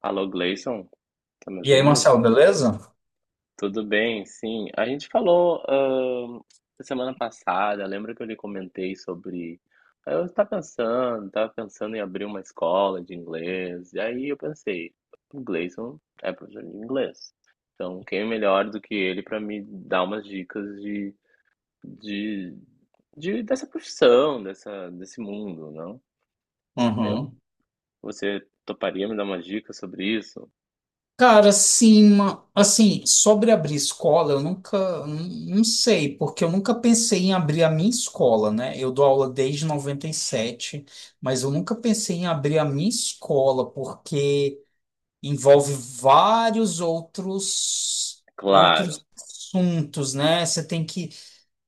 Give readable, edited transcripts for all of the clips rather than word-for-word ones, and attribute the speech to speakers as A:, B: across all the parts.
A: Alô, Gleison, tá me
B: E aí,
A: ouvindo?
B: Marcelo, beleza?
A: Tudo bem, sim. A gente falou semana passada, lembra que eu lhe comentei sobre. Eu estava pensando em abrir uma escola de inglês, e aí eu pensei, o Gleison é professor de inglês, então quem é melhor do que ele para me dar umas dicas de, dessa profissão, dessa, desse mundo, não? Eu-
B: Uhum.
A: Você toparia me dar umas dicas sobre isso?
B: Cara, assim, assim, sobre abrir escola, eu nunca, n- não sei, porque eu nunca pensei em abrir a minha escola, né? Eu dou aula desde 97, mas eu nunca pensei em abrir a minha escola, porque envolve vários outros,
A: Claro,
B: outros assuntos, né? Você tem que,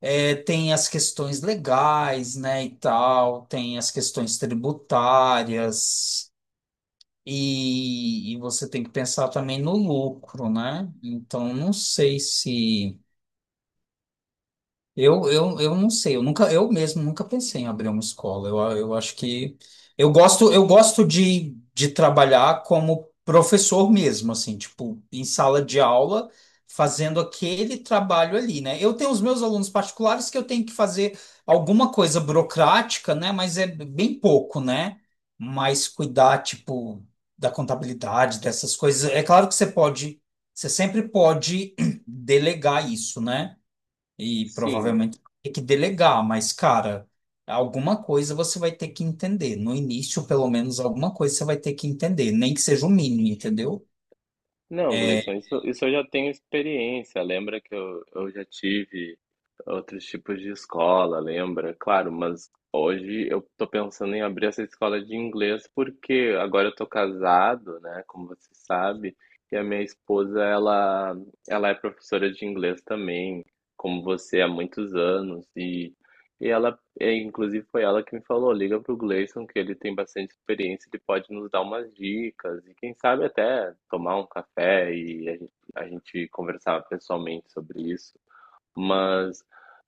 B: é, Tem as questões legais, né, e tal, tem as questões tributárias. E você tem que pensar também no lucro, né? Então, não sei se. Eu não sei, eu nunca, eu mesmo nunca pensei em abrir uma escola. Eu acho que eu gosto de trabalhar como professor mesmo, assim, tipo, em sala de aula, fazendo aquele trabalho ali, né? Eu tenho os meus alunos particulares que eu tenho que fazer alguma coisa burocrática, né? Mas é bem pouco, né? Mas cuidar, tipo, da contabilidade, dessas coisas. É claro que você sempre pode delegar isso, né? E
A: sim.
B: provavelmente vai ter que delegar, mas, cara, alguma coisa você vai ter que entender. No início, pelo menos, alguma coisa você vai ter que entender, nem que seja o mínimo, entendeu?
A: Não,
B: É
A: Gleison, isso eu já tenho experiência. Lembra que eu já tive outros tipos de escola, lembra? Claro, mas hoje eu tô pensando em abrir essa escola de inglês porque agora eu tô casado, né? Como você sabe, e a minha esposa, ela é professora de inglês também, como você há muitos anos, e ela é, inclusive foi ela que me falou, liga pro Gleison que ele tem bastante experiência, ele pode nos dar umas dicas e quem sabe até tomar um café e a gente conversar pessoalmente sobre isso. Mas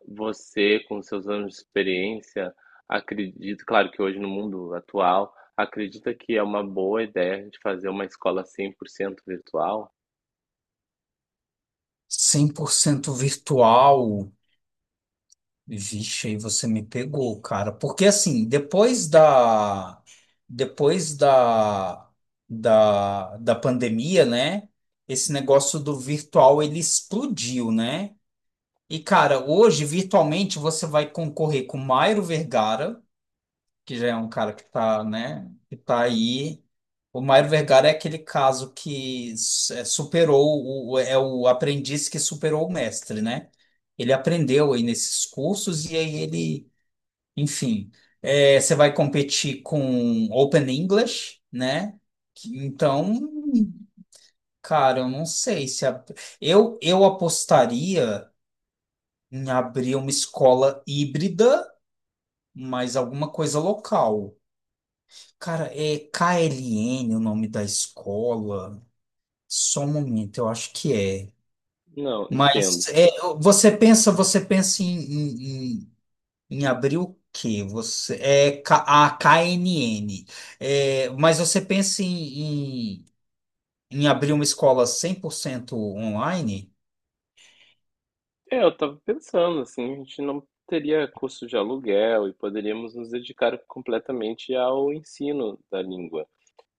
A: você, com seus anos de experiência, acredito, claro que hoje no mundo atual, acredita que é uma boa ideia a gente fazer uma escola 100% virtual?
B: 100% virtual. Vixe, aí você me pegou, cara. Porque, assim, depois da. Depois da. Da pandemia, né? Esse negócio do virtual ele explodiu, né? E, cara, hoje, virtualmente, você vai concorrer com Mairo Vergara, que já é um cara que tá, né, que tá aí. O Mário Vergara é aquele caso que superou, é o aprendiz que superou o mestre, né? Ele aprendeu aí nesses cursos e aí ele, enfim, é, você vai competir com Open English, né? Então, cara, eu não sei se a- eu apostaria em abrir uma escola híbrida, mas alguma coisa local. Cara, é KLN o nome da escola. Só um momento, eu acho que é.
A: Não, entendo.
B: Mas é, você pensa em, em abrir o quê? Você é K- a KNN. É, mas você pensa em abrir uma escola 100% online?
A: É, eu estava pensando, assim, a gente não teria custo de aluguel e poderíamos nos dedicar completamente ao ensino da língua.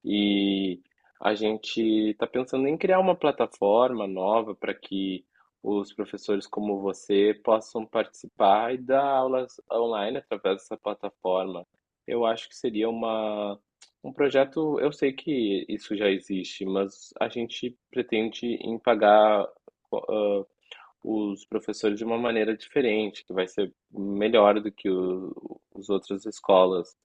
A: E a gente está pensando em criar uma plataforma nova para que os professores como você possam participar e dar aulas online através dessa plataforma. Eu acho que seria um projeto, eu sei que isso já existe, mas a gente pretende em pagar os professores de uma maneira diferente, que vai ser melhor do que os outras escolas.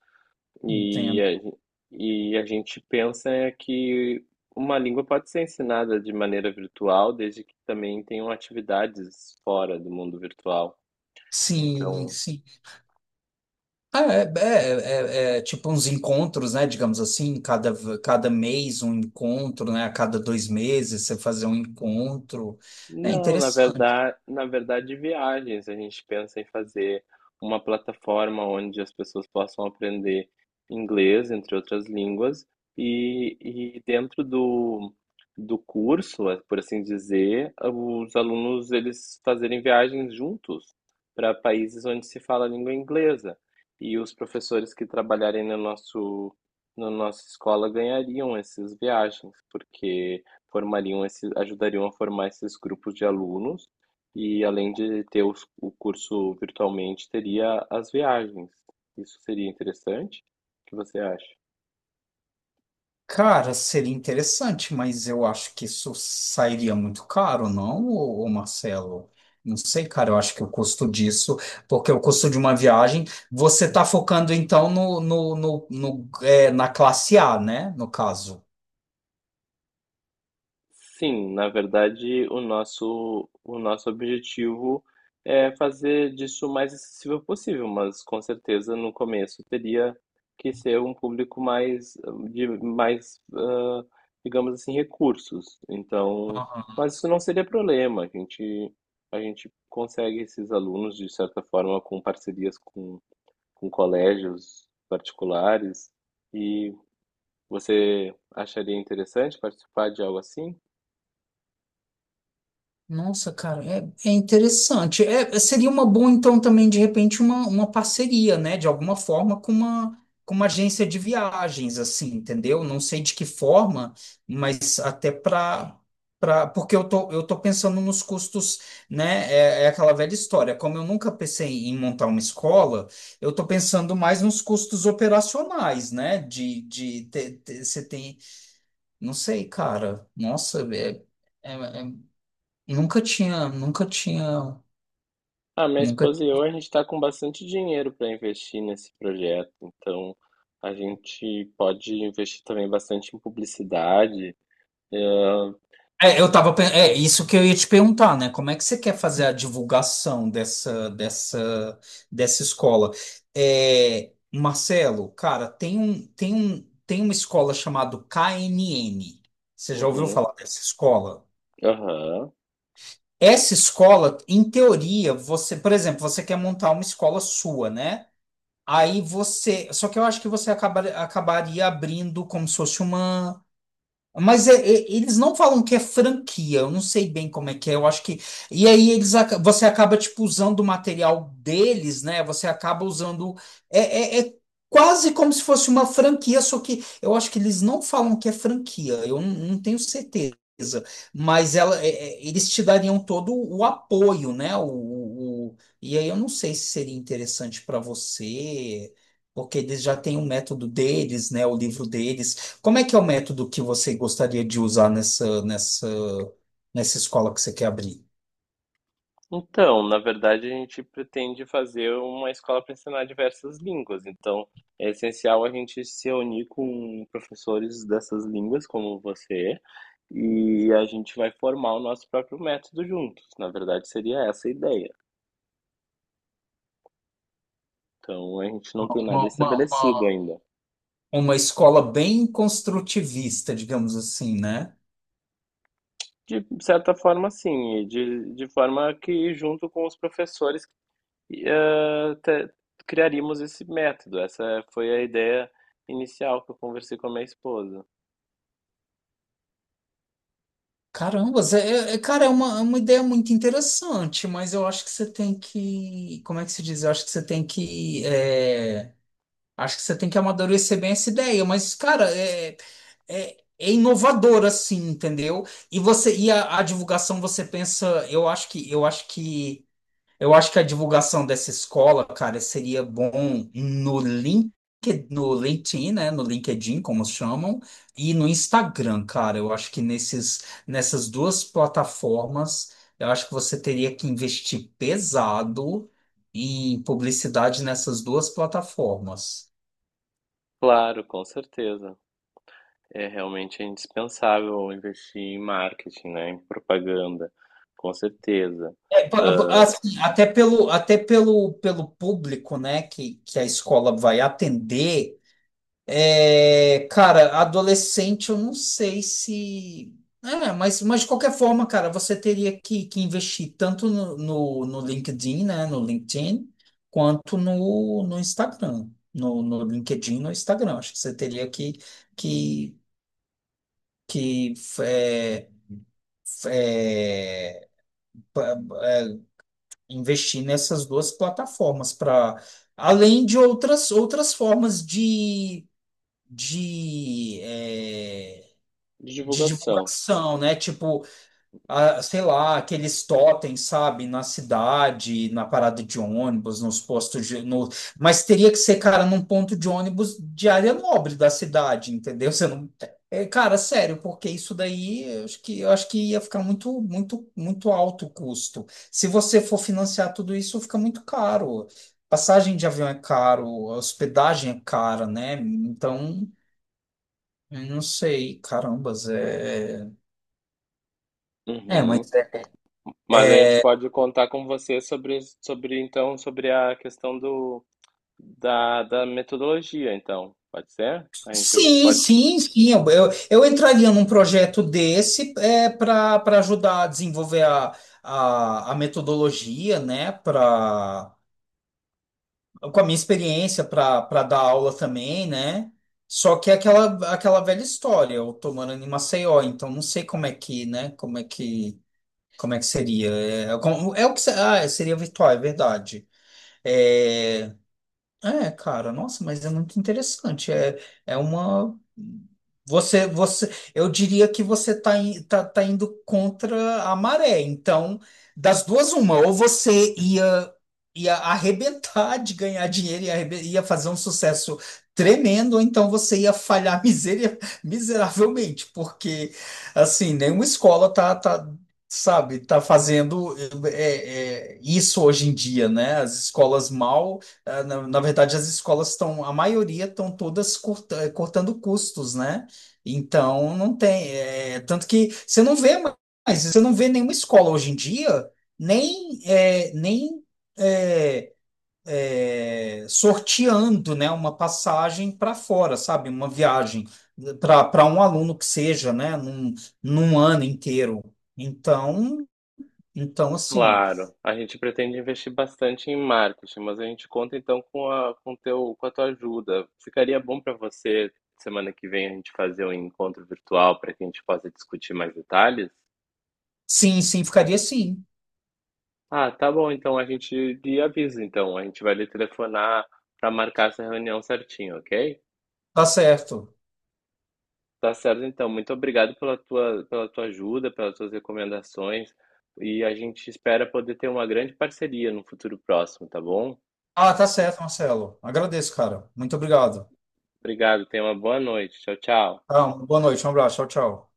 A: E
B: Entendo.
A: e a gente pensa é que uma língua pode ser ensinada de maneira virtual, desde que também tenham atividades fora do mundo virtual.
B: Sim,
A: Então,
B: sim. Ah, é, é tipo uns encontros, né? Digamos assim, cada, cada mês um encontro, né? A cada dois meses você fazer um encontro. É
A: não,
B: interessante.
A: na verdade, viagens. A gente pensa em fazer uma plataforma onde as pessoas possam aprender inglês, entre outras línguas, e dentro do, do curso, por assim dizer, os alunos eles fazerem viagens juntos para países onde se fala a língua inglesa. E os professores que trabalharem no nosso, na nossa escola ganhariam essas viagens, porque formariam esses, ajudariam a formar esses grupos de alunos e além de ter os, o curso virtualmente, teria as viagens. Isso seria interessante? O que você acha?
B: Cara, seria interessante, mas eu acho que isso sairia muito caro, não, ô Marcelo? Não sei, cara, eu acho que o custo disso, porque o custo de uma viagem, você tá focando então no, é, na classe A, né? No caso.
A: Sim, na verdade, o nosso objetivo é fazer disso o mais acessível possível, mas com certeza no começo teria que ser um público mais de mais, ah, digamos assim, recursos. Então, mas isso não seria problema. A gente consegue esses alunos de certa forma com parcerias com colégios particulares. E você acharia interessante participar de algo assim?
B: Nossa, cara, é, é interessante. É, seria uma boa, então, também, de repente, uma parceria, né? De alguma forma, com uma agência de viagens, assim, entendeu? Não sei de que forma, mas até para. Pra, porque eu tô pensando nos custos, né? É, é aquela velha história. Como eu nunca pensei em montar uma escola, eu tô pensando mais nos custos operacionais, né? Você tem. Não sei, cara. Nossa, é, é, é Nunca tinha,
A: Ah, minha
B: nunca.
A: esposa e eu, a gente está com bastante dinheiro para investir nesse projeto, então a gente pode investir também bastante em publicidade. Ah,
B: É, eu tava, é isso que eu ia te perguntar, né? Como é que você quer fazer a divulgação dessa escola? É, Marcelo, cara, tem uma escola chamada KNN. Você já ouviu
A: uhum,
B: falar dessa escola?
A: aham.
B: Essa escola, em teoria, você, por exemplo, você quer montar uma escola sua, né? Aí você, só que eu acho que você acabaria abrindo como se fosse uma. Mas eles não falam que é franquia, eu não sei bem como é que é, eu acho que. E aí eles, você acaba tipo usando o material deles, né? Você acaba usando. É, é, é quase como se fosse uma franquia, só que eu acho que eles não falam que é franquia, eu não, não tenho certeza. Mas ela, eles te dariam todo o apoio, né? E aí eu não sei se seria interessante para você, porque eles já têm o método deles, né? O livro deles. Como é que é o método que você gostaria de usar nessa escola que você quer abrir?
A: Então, na verdade, a gente pretende fazer uma escola para ensinar diversas línguas, então é essencial a gente se reunir com professores dessas línguas, como você, e a gente vai formar o nosso próprio método juntos. Na verdade, seria essa a ideia. Então, a gente não tem nada
B: Uma, uma,
A: estabelecido
B: uma-
A: ainda.
B: Uma escola bem construtivista, digamos assim, né?
A: De certa forma, sim, e de forma que, junto com os professores, eh, te- criaríamos esse método. Essa foi a ideia inicial que eu conversei com a minha esposa.
B: Caramba, Zé, cara, é uma ideia muito interessante, mas eu acho que você tem que. Como é que se diz? Eu acho que você tem que. É, acho que você tem que amadurecer bem essa ideia, mas, cara, é, é inovador, assim, entendeu? E você, e a divulgação, você pensa, eu acho que. Eu acho que a divulgação dessa escola, cara, seria bom no link, no LinkedIn, né? No LinkedIn, como chamam, e no Instagram, cara. Eu acho que nessas duas plataformas, eu acho que você teria que investir pesado em publicidade nessas duas plataformas.
A: Claro, com certeza. É realmente indispensável investir em marketing, né? Em propaganda, com certeza.
B: É,
A: Ah,
B: assim, até pelo, pelo público, né, que a escola vai atender. É, cara, adolescente, eu não sei se. É, mas de qualquer forma, cara, você teria que investir tanto no LinkedIn, né? No LinkedIn, quanto no Instagram. No LinkedIn, no Instagram. Acho que você teria que, que, que é, investir nessas duas plataformas para além de outras outras formas de é,
A: de
B: de
A: divulgação.
B: divulgação, né? Tipo, a- sei lá, aqueles totens, sabe? Na cidade, na parada de ônibus, nos postos de. No... Mas teria que ser, cara, num ponto de ônibus de área nobre da cidade, entendeu? Você não. É, cara, sério, porque isso daí eu acho eu acho que ia ficar muito, muito, muito alto o custo. Se você for financiar tudo isso, fica muito caro. Passagem de avião é caro, hospedagem é cara, né? Então, eu não sei, carambas, é. É,
A: Uhum.
B: mas é.
A: Mas a gente pode contar com você sobre, sobre então, sobre a questão do. Da, da metodologia, então. Pode ser? A gente
B: Sim,
A: pode.
B: sim, sim. Eu entraria num projeto desse é, para para ajudar a desenvolver a metodologia, né? Pra, com a minha experiência para para dar aula também, né? Só que é aquela, aquela velha história, eu tô morando em Maceió, então não sei como é que, né? Como é que seria? É, é o que se- ah, seria virtual, é verdade. É, é, cara, nossa, mas é muito interessante. É, é uma. Eu diria que você está tá, in- tá, tá indo contra a maré. Então, das duas, uma, ia arrebentar de ganhar dinheiro e ia fazer um sucesso tremendo, ou então você ia falhar miseravelmente, porque assim, nenhuma escola sabe, tá fazendo isso hoje em dia, né? As escolas mal. Ah, na verdade, as escolas estão, a maioria estão todas cortando custos, né? Então, não tem. Tanto que você não vê mais, você não vê nenhuma escola hoje em dia, nem, eh, nem eh, eh, sorteando, né, uma passagem para fora, sabe? Uma viagem para para um aluno que seja, né, num ano inteiro. Então, então, assim,
A: Claro, a gente pretende investir bastante em marketing, mas a gente conta então com com teu, com a tua ajuda. Ficaria bom para você, semana que vem, a gente fazer um encontro virtual para que a gente possa discutir mais detalhes?
B: sim, sim, ficaria sim,
A: Ah, tá bom, então a gente lhe avisa, então. A gente vai lhe telefonar para marcar essa reunião certinho, ok?
B: tá certo.
A: Tá certo, então. Muito obrigado pela pela tua ajuda, pelas tuas recomendações. E a gente espera poder ter uma grande parceria no futuro próximo, tá bom?
B: Ah, tá certo, Marcelo. Agradeço, cara. Muito obrigado.
A: Obrigado, tenha uma boa noite. Tchau, tchau.
B: Tá, uma boa noite, um abraço. Tchau, tchau.